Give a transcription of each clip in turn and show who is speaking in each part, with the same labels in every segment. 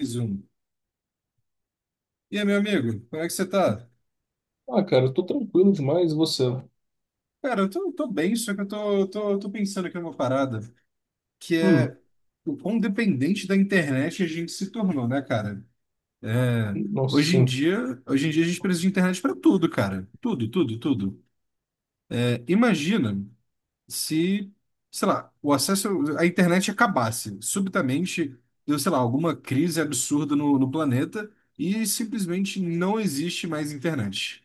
Speaker 1: Mais um. E aí, meu amigo, como é que você tá?
Speaker 2: Ah, cara, eu tô tranquilo demais, e você?
Speaker 1: Cara, eu tô bem, só que eu tô pensando aqui numa parada, que é
Speaker 2: Hum,
Speaker 1: o quão dependente da internet a gente se tornou, né, cara? É,
Speaker 2: nossa, sim.
Speaker 1: Hoje em dia a gente precisa de internet pra tudo, cara. Tudo, tudo, tudo. É, imagina se, sei lá, o acesso à internet acabasse subitamente, deu, sei lá, alguma crise absurda no planeta e simplesmente não existe mais internet.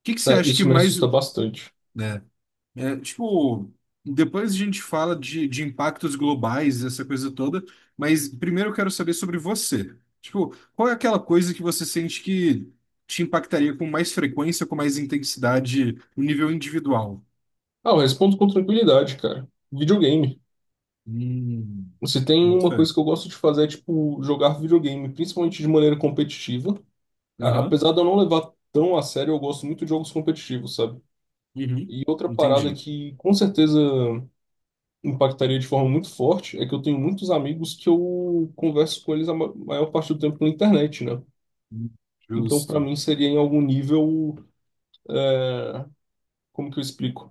Speaker 1: O que que você
Speaker 2: É,
Speaker 1: acha que
Speaker 2: isso me
Speaker 1: mais,
Speaker 2: assusta bastante.
Speaker 1: né? É, tipo, depois a gente fala de impactos globais, essa coisa toda, mas primeiro eu quero saber sobre você. Tipo, qual é aquela coisa que você sente que te impactaria com mais frequência, com mais intensidade, no nível individual?
Speaker 2: Ah, eu respondo com tranquilidade, cara. Videogame.
Speaker 1: Hum,
Speaker 2: Se tem
Speaker 1: boto
Speaker 2: uma
Speaker 1: fé.
Speaker 2: coisa que eu gosto de fazer é, tipo, jogar videogame, principalmente de maneira competitiva. A-
Speaker 1: Aham,
Speaker 2: apesar de eu não levar tão a sério, eu gosto muito de jogos competitivos, sabe?
Speaker 1: uhum,
Speaker 2: E outra parada
Speaker 1: entendi.
Speaker 2: que com certeza impactaria de forma muito forte é que eu tenho muitos amigos que eu converso com eles a maior parte do tempo na internet, né? Então, pra
Speaker 1: Justo.
Speaker 2: mim, seria em algum nível, como que eu explico?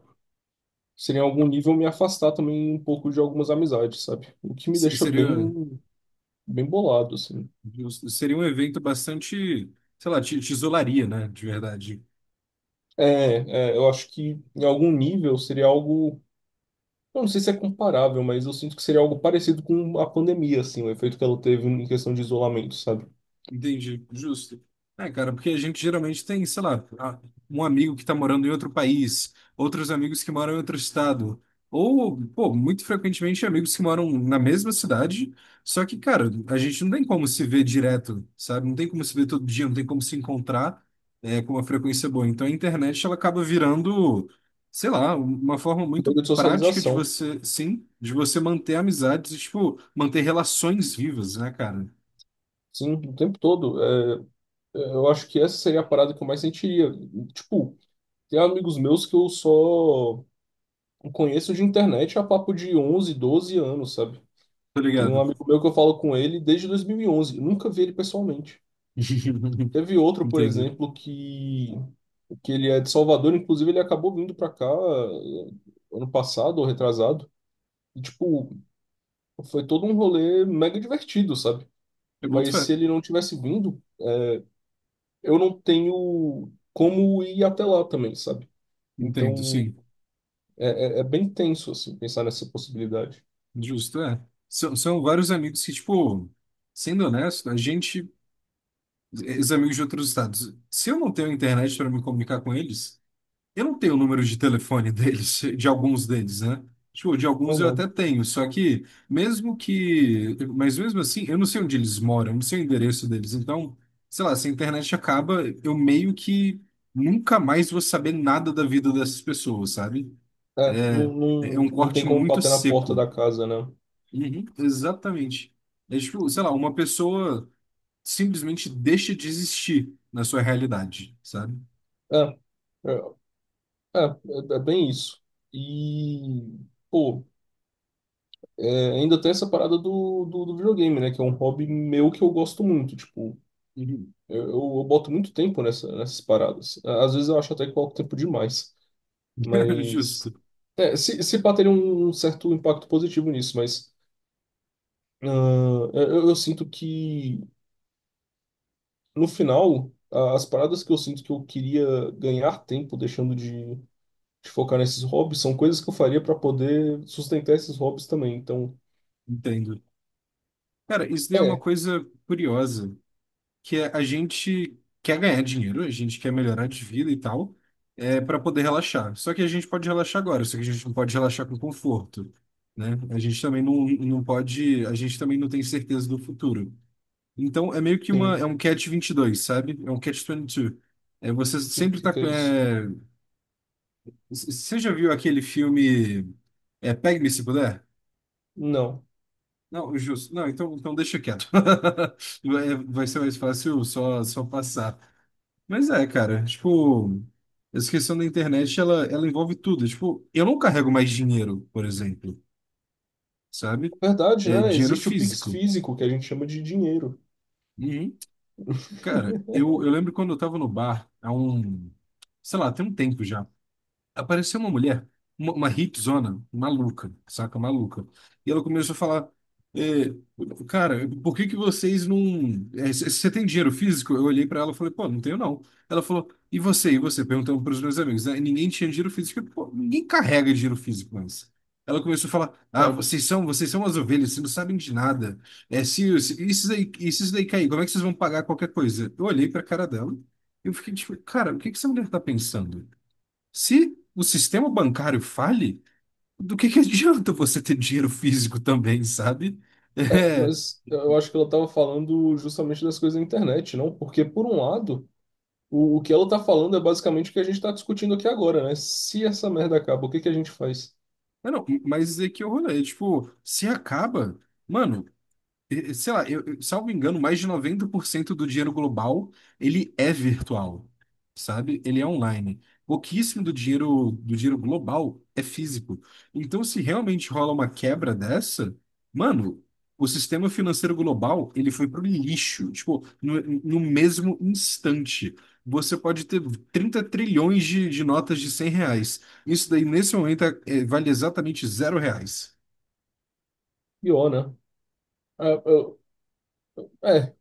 Speaker 2: Seria em algum nível me afastar também um pouco de algumas amizades, sabe? O que me deixa
Speaker 1: Seria,
Speaker 2: bem, bem bolado, assim.
Speaker 1: justo. Seria um evento bastante, sei lá, te isolaria, né? De verdade.
Speaker 2: Eu acho que em algum nível seria algo. Eu não sei se é comparável, mas eu sinto que seria algo parecido com a pandemia, assim, o efeito que ela teve em questão de isolamento, sabe?
Speaker 1: Entendi, justo. É, cara, porque a gente geralmente tem, sei lá, um amigo que tá morando em outro país, outros amigos que moram em outro estado, ou, pô, muito frequentemente amigos que moram na mesma cidade, só que, cara, a gente não tem como se ver direto, sabe? Não tem como se ver todo dia, não tem como se encontrar, é, com uma frequência boa. Então a internet, ela acaba virando, sei lá, uma forma muito
Speaker 2: Meio de
Speaker 1: prática de
Speaker 2: socialização,
Speaker 1: você, sim, de você manter amizades e, tipo, manter relações vivas, né, cara?
Speaker 2: sim, o tempo todo. É, eu acho que essa seria a parada que eu mais sentiria. Tipo, tem amigos meus que eu só conheço de internet há papo de 11 12 anos, sabe?
Speaker 1: Tá
Speaker 2: Tem um
Speaker 1: ligado?
Speaker 2: amigo meu que eu falo com ele desde 2011. Eu nunca vi ele pessoalmente. Teve outro, por
Speaker 1: Entendo.
Speaker 2: exemplo, que ele é de Salvador. Inclusive, ele acabou vindo para cá ano passado ou retrasado. E, tipo, foi todo um rolê mega divertido, sabe?
Speaker 1: Eu boto
Speaker 2: Mas
Speaker 1: fé.
Speaker 2: se ele não tivesse vindo, eu não tenho como ir até lá também, sabe?
Speaker 1: Entendo,
Speaker 2: Então,
Speaker 1: sim.
Speaker 2: é bem tenso, assim, pensar nessa possibilidade.
Speaker 1: Justo, é. São vários amigos que, tipo, sendo honesto, a gente, os amigos de outros estados, se eu não tenho internet para me comunicar com eles, eu não tenho o número de telefone deles, de alguns deles, né? Tipo, de alguns eu
Speaker 2: Uhum.
Speaker 1: até tenho, só que mas mesmo assim, eu não sei onde eles moram, eu não sei o endereço deles. Então, sei lá, se a internet acaba, eu meio que nunca mais vou saber nada da vida dessas pessoas, sabe?
Speaker 2: É,
Speaker 1: É,
Speaker 2: não, não,
Speaker 1: é um
Speaker 2: não tem
Speaker 1: corte
Speaker 2: como
Speaker 1: muito
Speaker 2: bater na porta da
Speaker 1: seco.
Speaker 2: casa, né?
Speaker 1: Uhum. Exatamente. É tipo, sei lá, uma pessoa simplesmente deixa de existir na sua realidade, sabe?
Speaker 2: É. É. É bem isso. E, pô, é, ainda tem essa parada do videogame, né? Que é um hobby meu que eu gosto muito. Tipo,
Speaker 1: Uhum.
Speaker 2: eu boto muito tempo nessas paradas. Às vezes eu acho até que coloco tempo demais.
Speaker 1: Justo,
Speaker 2: Mas. É, se pá, teria um certo impacto positivo nisso, mas. Ah, eu sinto que, no final, as paradas que eu sinto que eu queria ganhar tempo deixando de. De focar nesses hobbies, são coisas que eu faria para poder sustentar esses hobbies também. Então,
Speaker 1: entendo. Cara, isso daí é uma
Speaker 2: é,
Speaker 1: coisa curiosa, que é a gente quer ganhar dinheiro, a gente quer melhorar de vida e tal, é para poder relaxar. Só que a gente pode relaxar agora, só que a gente não pode relaxar com conforto, né? A gente também não pode, a gente também não tem certeza do futuro. Então é meio que uma,
Speaker 2: sim.
Speaker 1: é um catch 22 sabe? É um catch vinte e dois. É, você
Speaker 2: O que,
Speaker 1: sempre tá,
Speaker 2: que é isso?
Speaker 1: é, você já viu aquele filme é, Pegue-me se puder?
Speaker 2: Não.
Speaker 1: Não, justo. Não, então, então deixa quieto. Vai, vai ser mais fácil só, só passar. Mas é, cara, tipo, essa questão da internet, ela envolve tudo. Tipo, eu não carrego mais dinheiro, por exemplo, sabe?
Speaker 2: Verdade,
Speaker 1: É
Speaker 2: né?
Speaker 1: dinheiro
Speaker 2: Existe o Pix
Speaker 1: físico.
Speaker 2: físico, que a gente chama de dinheiro.
Speaker 1: Uhum. Cara, eu lembro quando eu tava no bar, há um, sei lá, tem um tempo já. Apareceu uma mulher, uma hipzona, maluca, saca? Maluca. E ela começou a falar: é, Cara, por que que vocês não. É, Você tem dinheiro físico? Eu olhei pra ela e falei: Pô, não tenho não. Ela falou: E você? E você? Perguntando pros meus amigos. Aí ninguém tinha dinheiro físico. Pô, ninguém carrega dinheiro físico mais. Ela começou a falar: Ah,
Speaker 2: É,
Speaker 1: vocês são as ovelhas, vocês não sabem de nada. É, se, isso daí cair, como é que vocês vão pagar qualquer coisa? Eu olhei pra cara dela e eu fiquei tipo: Cara, o que que essa mulher tá pensando? Se o sistema bancário fale, do que adianta você ter dinheiro físico também, sabe? É,
Speaker 2: mas eu acho que ela estava falando justamente das coisas da internet, não? Porque, por um lado, o que ela está falando é basicamente o que a gente está discutindo aqui agora, né? Se essa merda acaba, o que, que a gente faz?
Speaker 1: não, mas é que é o rolê, tipo, se acaba, mano, sei lá, salvo engano, mais de 90% do dinheiro global, ele é virtual, sabe? Ele é online. Pouquíssimo do dinheiro global é físico. Então, se realmente rola uma quebra dessa, mano, o sistema financeiro global, ele foi pro lixo. Tipo, no mesmo instante. Você pode ter 30 trilhões de notas de R$ 100. Isso daí, nesse momento, vale exatamente R$ 0.
Speaker 2: Pior, né? É, eu, é,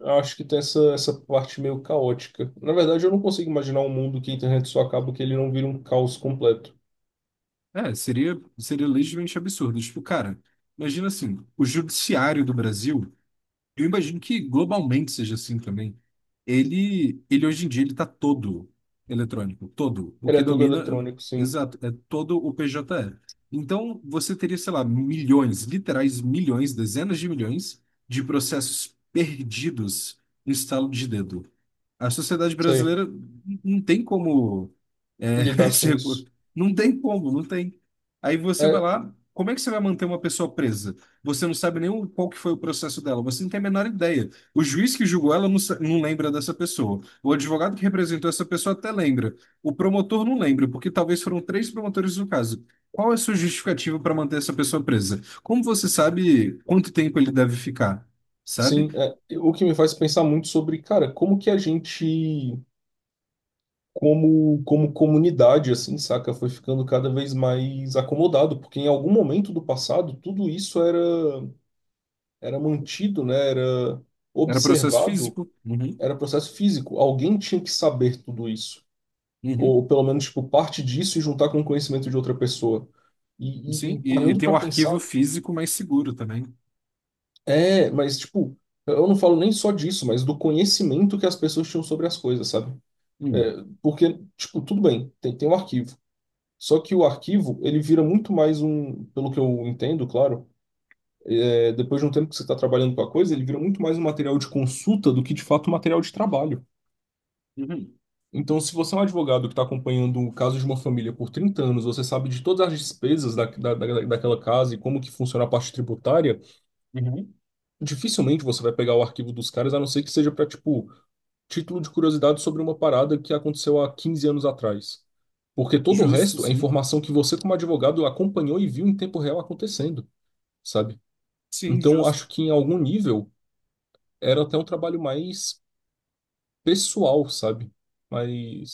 Speaker 2: eu acho que tem essa parte meio caótica. Na verdade, eu não consigo imaginar um mundo que a internet só acaba, que ele não vira um caos completo.
Speaker 1: É, seria legitimamente absurdo. Tipo, cara, imagina assim, o judiciário do Brasil. Eu imagino que globalmente seja assim também. Ele hoje em dia ele está todo eletrônico, todo. O
Speaker 2: Ele
Speaker 1: que
Speaker 2: é todo
Speaker 1: domina,
Speaker 2: eletrônico, sim.
Speaker 1: exato, é todo o PJE. Então você teria, sei lá, milhões, literais milhões, dezenas de milhões de processos perdidos no estalo de dedo. A sociedade
Speaker 2: Sei
Speaker 1: brasileira não tem como, é,
Speaker 2: lidar com isso.
Speaker 1: não tem como, não tem. Aí você vai
Speaker 2: É,
Speaker 1: lá, como é que você vai manter uma pessoa presa? Você não sabe nem qual que foi o processo dela, você não tem a menor ideia. O juiz que julgou ela não, não lembra dessa pessoa. O advogado que representou essa pessoa até lembra. O promotor não lembra, porque talvez foram três promotores no caso. Qual é a sua justificativa para manter essa pessoa presa? Como você sabe quanto tempo ele deve ficar? Sabe?
Speaker 2: sim, é. O que me faz pensar muito sobre, cara, como que a gente, como, como comunidade, assim, saca, foi ficando cada vez mais acomodado, porque em algum momento do passado tudo isso era, era mantido, né, era
Speaker 1: Era processo
Speaker 2: observado,
Speaker 1: físico. Uhum,
Speaker 2: era processo físico. Alguém tinha que saber tudo isso,
Speaker 1: uhum,
Speaker 2: ou pelo menos, tipo, parte disso e juntar com o conhecimento de outra pessoa. E, e,
Speaker 1: sim.
Speaker 2: e
Speaker 1: E
Speaker 2: parando
Speaker 1: tem
Speaker 2: para
Speaker 1: um arquivo
Speaker 2: pensar,
Speaker 1: físico mais seguro também.
Speaker 2: é, mas, tipo, eu não falo nem só disso, mas do conhecimento que as pessoas tinham sobre as coisas, sabe?
Speaker 1: Hum,
Speaker 2: É, porque, tipo, tudo bem, tem um arquivo. Só que o arquivo, ele vira muito mais um, pelo que eu entendo, claro, é, depois de um tempo que você está trabalhando com a coisa, ele vira muito mais um material de consulta do que de fato um material de trabalho.
Speaker 1: uhum,
Speaker 2: Então, se você é um advogado que está acompanhando o caso de uma família por 30 anos, você sabe de todas as despesas daquela casa e como que funciona a parte tributária,
Speaker 1: uhum.
Speaker 2: dificilmente você vai pegar o arquivo dos caras, a não ser que seja para, tipo, título de curiosidade sobre uma parada que aconteceu há 15 anos atrás. Porque todo o
Speaker 1: Justo,
Speaker 2: resto é
Speaker 1: sim.
Speaker 2: informação que você, como advogado, acompanhou e viu em tempo real acontecendo, sabe?
Speaker 1: Sim,
Speaker 2: Então,
Speaker 1: justo.
Speaker 2: acho que em algum nível era até um trabalho mais pessoal, sabe?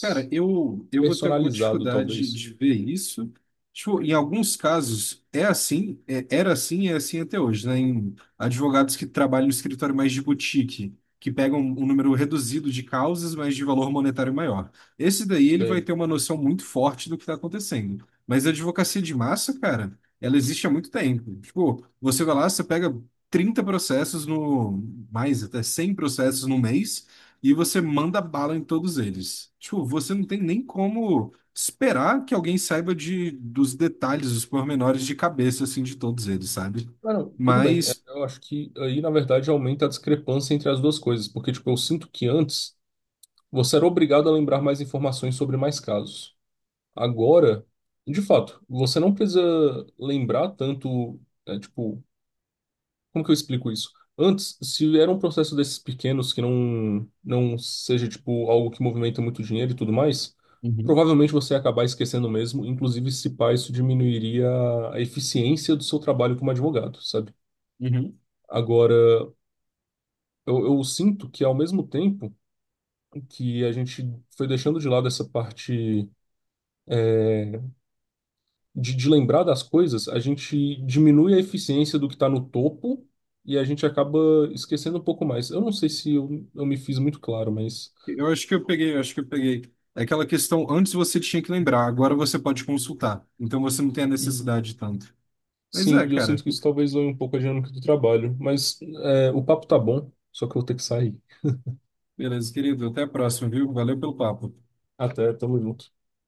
Speaker 1: Cara, eu vou ter alguma
Speaker 2: personalizado,
Speaker 1: dificuldade
Speaker 2: talvez.
Speaker 1: de ver isso. Tipo, em alguns casos é assim, era assim e é assim até hoje, né? Em advogados que trabalham no escritório mais de boutique, que pegam um número reduzido de causas, mas de valor monetário maior. Esse daí ele vai
Speaker 2: Sei.
Speaker 1: ter uma noção muito forte do que está acontecendo. Mas a advocacia de massa, cara, ela existe há muito tempo. Tipo, você vai lá, você pega 30 processos no, mais até 100 processos no mês e você manda bala em todos eles. Tipo, você não tem nem como esperar que alguém saiba de, dos detalhes, dos pormenores de cabeça, assim, de todos eles, sabe?
Speaker 2: Ah, não, tudo bem. É,
Speaker 1: Mas
Speaker 2: eu acho que aí, na verdade, aumenta a discrepância entre as duas coisas. Porque, tipo, eu sinto que antes você era obrigado a lembrar mais informações sobre mais casos. Agora, de fato, você não precisa lembrar tanto, é, tipo, como que eu explico isso? Antes, se era um processo desses pequenos que não seja tipo algo que movimenta muito dinheiro e tudo mais,
Speaker 1: uhum,
Speaker 2: provavelmente você ia acabar esquecendo mesmo, inclusive se pá, isso diminuiria a eficiência do seu trabalho como advogado, sabe?
Speaker 1: uhum.
Speaker 2: Agora, eu sinto que ao mesmo tempo que a gente foi deixando de lado essa parte de lembrar das coisas, a gente diminui a eficiência do que está no topo e a gente acaba esquecendo um pouco mais. Eu não sei se eu me fiz muito claro, mas
Speaker 1: Eu acho que eu peguei, eu acho que eu peguei. É aquela questão, antes você tinha que lembrar, agora você pode consultar. Então você não tem a
Speaker 2: e-
Speaker 1: necessidade tanto. Mas é,
Speaker 2: sim, e eu
Speaker 1: cara.
Speaker 2: sinto que isso talvez zoe um pouco a dinâmica do trabalho. Mas é, o papo tá bom, só que eu vou ter que sair.
Speaker 1: Beleza, querido. Até a próxima, viu? Valeu pelo papo.
Speaker 2: Até, tamo junto.